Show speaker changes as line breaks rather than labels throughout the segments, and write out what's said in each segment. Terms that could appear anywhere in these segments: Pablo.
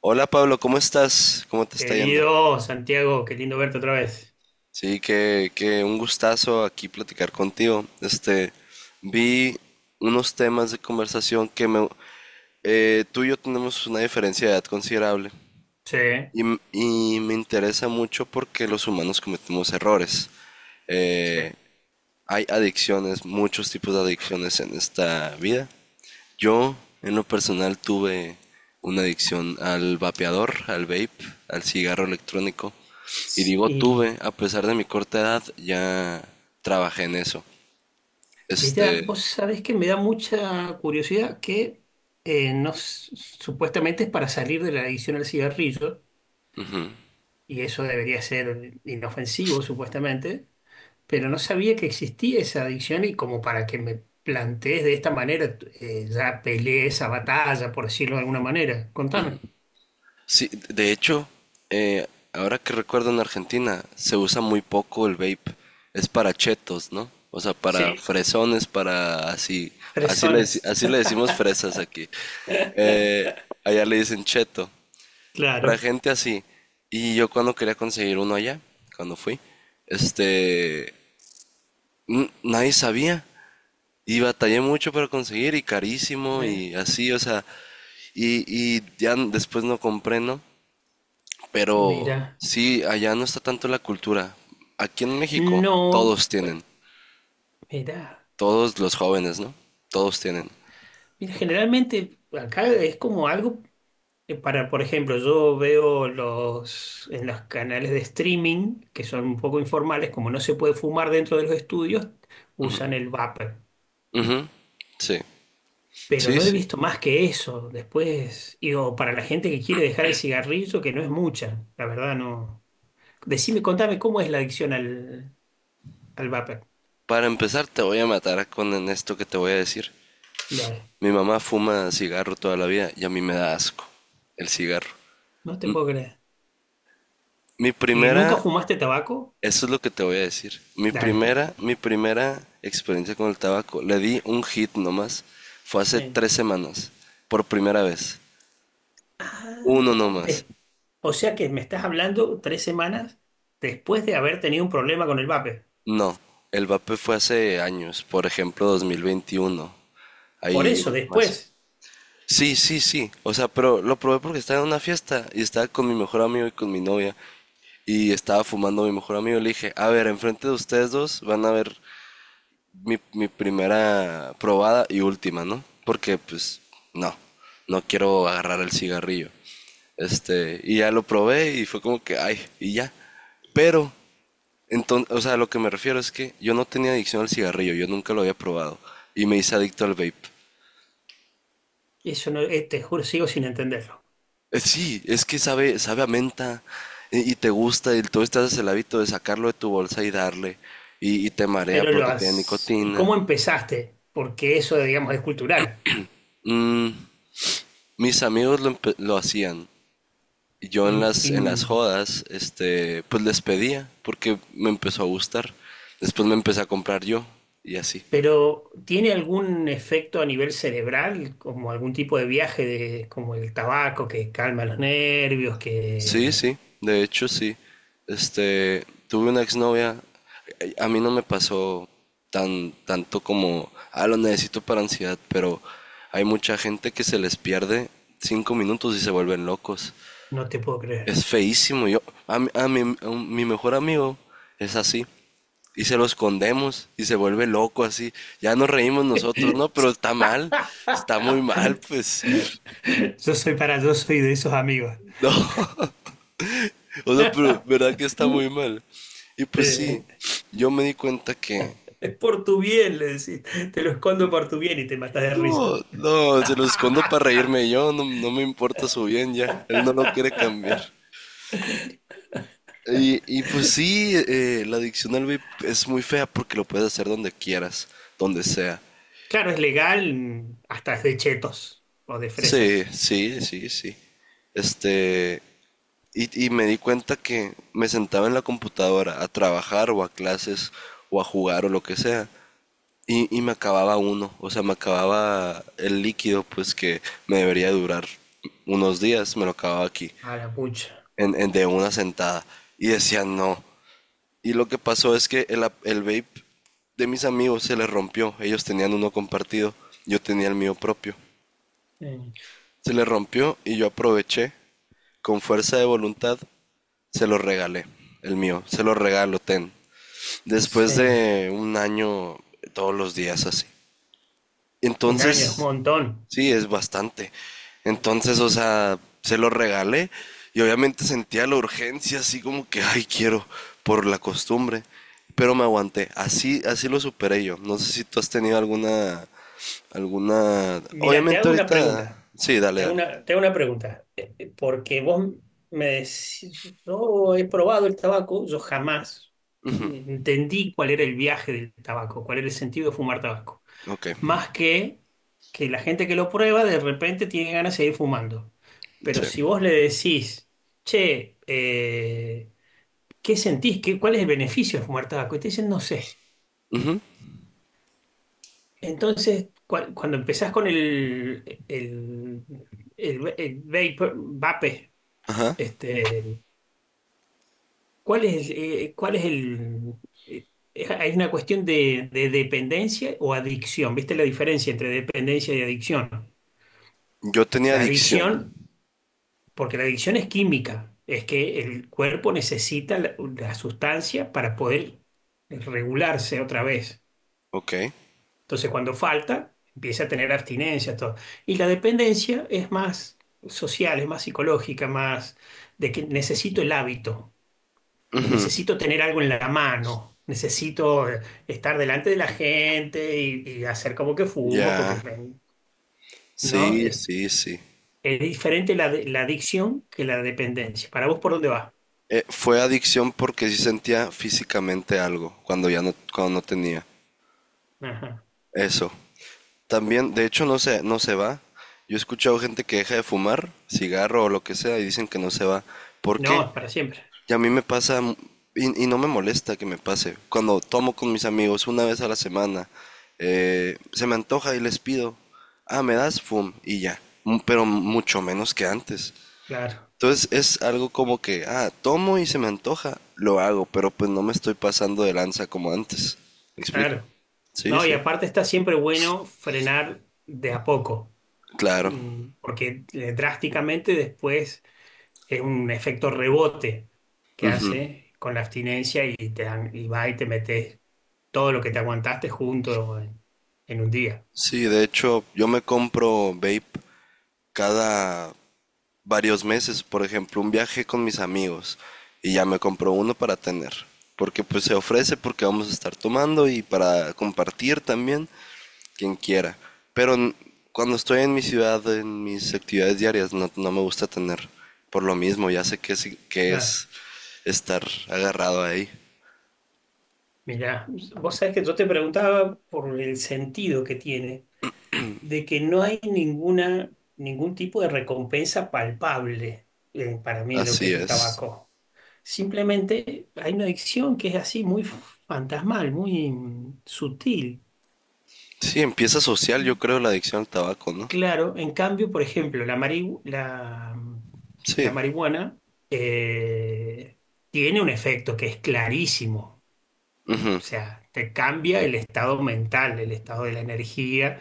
Hola Pablo, ¿cómo estás? ¿Cómo te está yendo?
Querido Santiago, qué lindo verte otra vez.
Sí, que un gustazo aquí platicar contigo. Vi unos temas de conversación que me. Tú y yo tenemos una diferencia de edad considerable
Sí,
y me interesa mucho porque los humanos cometemos errores.
sí.
Eh, Hay adicciones, muchos tipos de adicciones en esta vida. Yo, en lo personal, tuve una adicción al vapeador, al vape, al cigarro electrónico. Y digo
Y
tuve, a pesar de mi corta edad, ya trabajé en eso. Este,
mira, vos sabés que me da mucha curiosidad que no, supuestamente es para salir de la adicción al cigarrillo, y eso debería ser inofensivo supuestamente, pero no sabía que existía esa adicción y como para que me plantees de esta manera, ya peleé esa batalla, por decirlo de alguna manera. Contame.
sí, de hecho, eh, ahora que recuerdo, en Argentina se usa muy poco el vape. Es para chetos, ¿no? O sea, para
Sí,
fresones, para así, así le, deci-
fresones.
así le decimos fresas aquí. Eh, Allá le dicen cheto. Para
Claro.
gente así. Y yo cuando quería conseguir uno allá, cuando fui, este, nadie sabía. Y batallé mucho para conseguir y carísimo
Mira.
y así, o sea, y, y ya después no compré, ¿no? Pero
Mira.
sí, allá no está tanto la cultura. Aquí en México
No,
todos
bueno,
tienen,
mira,
todos los jóvenes, ¿no? Todos tienen.
mira, generalmente acá es como algo que para, por ejemplo, yo veo los en los canales de streaming que son un poco informales, como no se puede fumar dentro de los estudios, usan el vapor.
Ujú. Sí,
Pero
sí,
no he
sí.
visto más que eso. Después, y o para la gente que quiere dejar el cigarrillo, que no es mucha, la verdad no. Decime, contame cómo es la adicción al, al vapor.
Para empezar te voy a matar con en esto que te voy a decir.
Dale,
Mi mamá fuma cigarro toda la vida y a mí me da asco el cigarro.
no te puedo creer.
Mi
¿Y nunca
primera,
fumaste tabaco?
Eso es lo que te voy a decir. Mi
Dale.
primera, mi primera experiencia con el tabaco, le di un hit nomás. Fue hace
Sí.
3 semanas, por primera vez.
Ah,
Uno nomás.
de- o sea que me estás hablando tres semanas después de haber tenido un problema con el vape.
No, el vape fue hace años, por ejemplo 2021.
Por
Ahí
eso,
más.
después.
Sí, sí, sí. O sea, pero lo probé porque estaba en una fiesta y estaba con mi mejor amigo y con mi novia, y estaba fumando mi mejor amigo. Le dije, a ver, enfrente de ustedes dos van a ver mi primera probada y última, ¿no? Porque pues no, no quiero agarrar el cigarrillo. Y ya lo probé y fue como que, ay, y ya. Pero, entonces, o sea, lo que me refiero es que yo no tenía adicción al cigarrillo, yo nunca lo había probado. Y me hice adicto al vape.
Eso no, te juro, sigo sin entenderlo.
Sí, es que sabe a menta y te gusta y tú estás haces el hábito de sacarlo de tu bolsa y darle, y te marea
Pero lo
porque tiene
has... ¿Y
nicotina.
cómo empezaste? Porque eso, digamos, es cultural.
Mm, Mis amigos lo hacían. Y yo en
Y,
las
y-
jodas, pues les pedía porque me empezó a gustar. Después me empecé a comprar yo y así.
pero ¿tiene algún efecto a nivel cerebral, como algún tipo de viaje, de, como el tabaco que calma los nervios,
Sí,
que
sí, de hecho sí. Tuve una exnovia, a mí no me pasó tanto como, ah, lo necesito para ansiedad, pero hay mucha gente que se les pierde 5 minutos y se vuelven locos.
no te puedo creer?
Es feísimo. Yo, a, mi- a mi, a un- mi mejor amigo es así. Y se lo escondemos y se vuelve loco así. Ya nos reímos nosotros, ¿no? Pero está mal. Está muy mal, pues.
Yo soy para, yo soy de esos amigos.
No. O sea, pero verdad que está muy mal. Y pues sí,
Eh,
yo me di cuenta que
Es por tu bien, le decís. Te lo escondo por tu bien y te matas de risa.
no, no, se lo escondo para reírme yo, no, no me importa su bien ya, él no lo quiere cambiar. Y pues sí, la adicción al vape es muy fea porque lo puedes hacer donde quieras, donde sea.
Claro, es legal hasta de chetos o de
Sí,
fresas.
sí, sí, sí. Este, y me di cuenta que me sentaba en la computadora a trabajar o a clases o a jugar o lo que sea. Y me acababa uno, o sea, me acababa el líquido, pues que me debería durar unos días, me lo acababa aquí,
A la pucha.
de una sentada. Y decía no. Y lo que pasó es que el vape de mis amigos se les rompió. Ellos tenían uno compartido, yo tenía el mío propio.
Sí.
Se les rompió y yo aproveché, con fuerza de voluntad, se lo regalé, el mío, se lo regalo, ten. Después
Sí.
de un año, todos los días así.
Un año es un
Entonces,
montón.
sí, es bastante.
Sí.
Entonces, o sea, se lo regalé y obviamente sentía la urgencia, así como que, ay, quiero, por la costumbre. Pero me aguanté. Así lo superé yo. No sé si tú has tenido alguna.
Mira, te
Obviamente
hago una pregunta.
ahorita. Sí, dale, dale.
Te hago una pregunta. Porque vos me decís, yo he probado el tabaco, yo jamás entendí cuál era el viaje del tabaco, cuál era el sentido de fumar tabaco,
Ok.
más que la gente que lo prueba de repente tiene ganas de seguir fumando. Pero
Sí.
si vos le decís, che, ¿qué sentís? ¿Qué, cuál es el beneficio de fumar tabaco? Y te dicen, no sé.
Ujú.
Entonces, cuando empezás con el vapor, vape.
Ajá.
Este, cuál es el... eh, hay una cuestión de dependencia o adicción. ¿Viste la diferencia entre dependencia y adicción?
Yo tenía
La
adicción.
adicción, porque la adicción es química, es que el cuerpo necesita la, la sustancia para poder regularse otra vez.
Ok.
Entonces, cuando falta, empieza a tener abstinencia, todo. Y la dependencia es más social, es más psicológica, más de que necesito el hábito.
Ujú.
Necesito tener algo en la mano, necesito estar delante de la gente y hacer como que fumo, porque
Ya.
¿no?
Sí, sí, sí.
Es diferente la, la adicción que la dependencia. ¿Para vos por dónde va?
Fue adicción porque sí sentía físicamente algo cuando ya no, cuando no tenía.
Ajá.
Eso. También, de hecho, no se va. Yo he escuchado gente que deja de fumar, cigarro o lo que sea, y dicen que no se va. ¿Por
No,
qué?
es para siempre.
Y a mí me pasa, y no me molesta que me pase. Cuando tomo con mis amigos una vez a la semana, se me antoja y les pido, ah, me das fum, y ya. Pero mucho menos que antes.
Claro,
Entonces es algo como que, ah, tomo y se me antoja, lo hago, pero pues no me estoy pasando de lanza como antes. ¿Me explico?
claro.
Sí,
No, y
sí.
aparte está siempre bueno frenar de a poco,
Claro.
mm, porque drásticamente después es un efecto rebote que hace con la abstinencia y, y va y te metes todo lo que te aguantaste junto en un día.
Sí, de hecho, yo me compro vape cada varios meses, por ejemplo, un viaje con mis amigos y ya me compro uno para tener, porque pues se ofrece porque vamos a estar tomando y para compartir también quien quiera. Pero cuando estoy en mi ciudad, en mis actividades diarias, no, no me gusta tener, por lo mismo, ya sé que que
Ah,
es estar agarrado ahí.
mirá, vos sabés que yo te preguntaba por el sentido que tiene, de que no hay ninguna, ningún tipo de recompensa palpable para mí en lo que
Así
es el
es.
tabaco. Simplemente hay una adicción que es así, muy fantasmal, muy mm, sutil.
Sí, empieza social, yo
Y
creo, la adicción al tabaco, ¿no?
claro, en cambio, por ejemplo, la, la
Sí.
marihuana eh, tiene un efecto que es clarísimo.
Ujú.
O sea, te cambia el estado mental, el estado de la energía,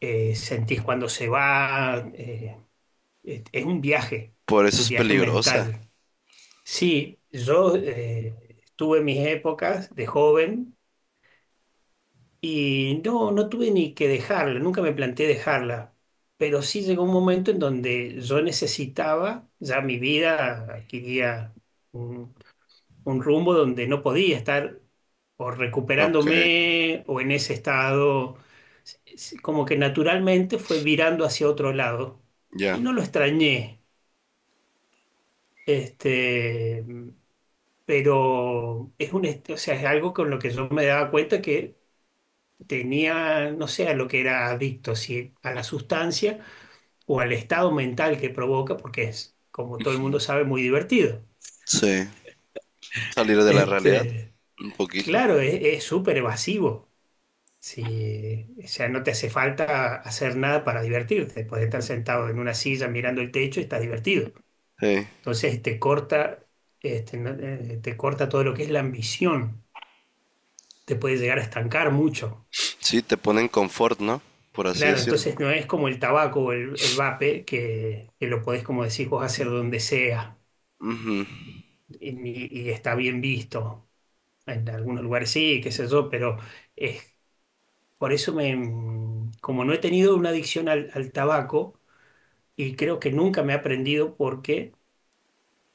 sentís cuando se va, es
Por eso
un
es
viaje
peligrosa.
mental. Sí, yo tuve mis épocas de joven y no, no tuve ni que dejarla, nunca me planteé dejarla, pero sí llegó un momento en donde yo necesitaba, ya mi vida adquiría un rumbo donde no podía estar o
Ok,
recuperándome o en ese estado. Como que naturalmente fue virando hacia otro lado.
ya.
Y no lo extrañé, este, pero es un, o sea, es algo con lo que yo me daba cuenta que tenía, no sé, a lo que era adicto, si a la sustancia o al estado mental que provoca, porque es, como todo el mundo sabe, muy divertido.
Sí. Salir de la realidad.
Este,
Un poquito.
claro, es súper evasivo. Sí, o sea, no te hace falta hacer nada para divertirte. Puedes estar sentado en una silla mirando el techo y estás divertido.
Sí.
Entonces te corta, este, te corta todo lo que es la ambición. Te puede llegar a estancar mucho.
Sí, te ponen confort, ¿no? Por así
Claro,
decirlo.
entonces no es como el tabaco o el vape, que lo podés, como decís vos, hacer donde sea y, y está bien visto. En algunos lugares sí, qué sé yo, pero es, por eso me, como no he tenido una adicción al tabaco, y creo que nunca me he aprendido porque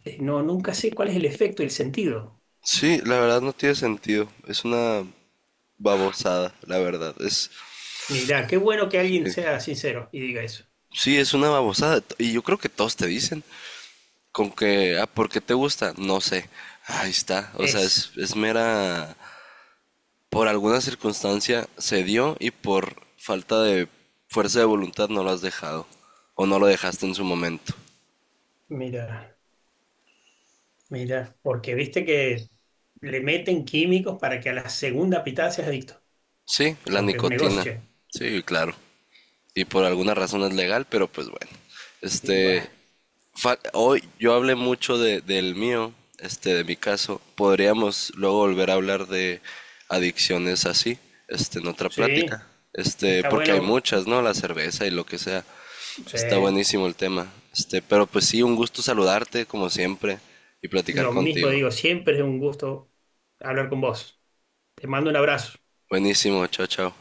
no, nunca sé cuál es el efecto y el sentido.
Sí, la verdad no tiene sentido. Es una babosada, la verdad. Es.
Mira, qué bueno que
Sí.
alguien sea sincero y diga eso.
Sí, es una babosada. Y yo creo que todos te dicen. Con que, ah, ¿por qué te gusta? No sé. Ahí está. O sea,
Eso,
es mera. Por alguna circunstancia se dio y por falta de fuerza de voluntad no lo has dejado o no lo dejaste en su momento.
mira, mira, porque viste que le meten químicos para que a la segunda pitada seas adicto,
Sí, la
porque es un
nicotina.
negocio.
Sí, claro. Y por alguna razón es legal, pero pues bueno.
Y bueno,
Este, Hoy yo hablé mucho del mío, de mi caso. Podríamos luego volver a hablar de adicciones así, en otra
sí,
plática.
está
Porque hay
bueno.
muchas, ¿no? La cerveza y lo que sea.
Sí.
Está buenísimo el tema. Pero pues sí, un gusto saludarte como siempre y platicar
Lo mismo
contigo.
digo, siempre es un gusto hablar con vos. Te mando un abrazo.
Buenísimo, chao, chao.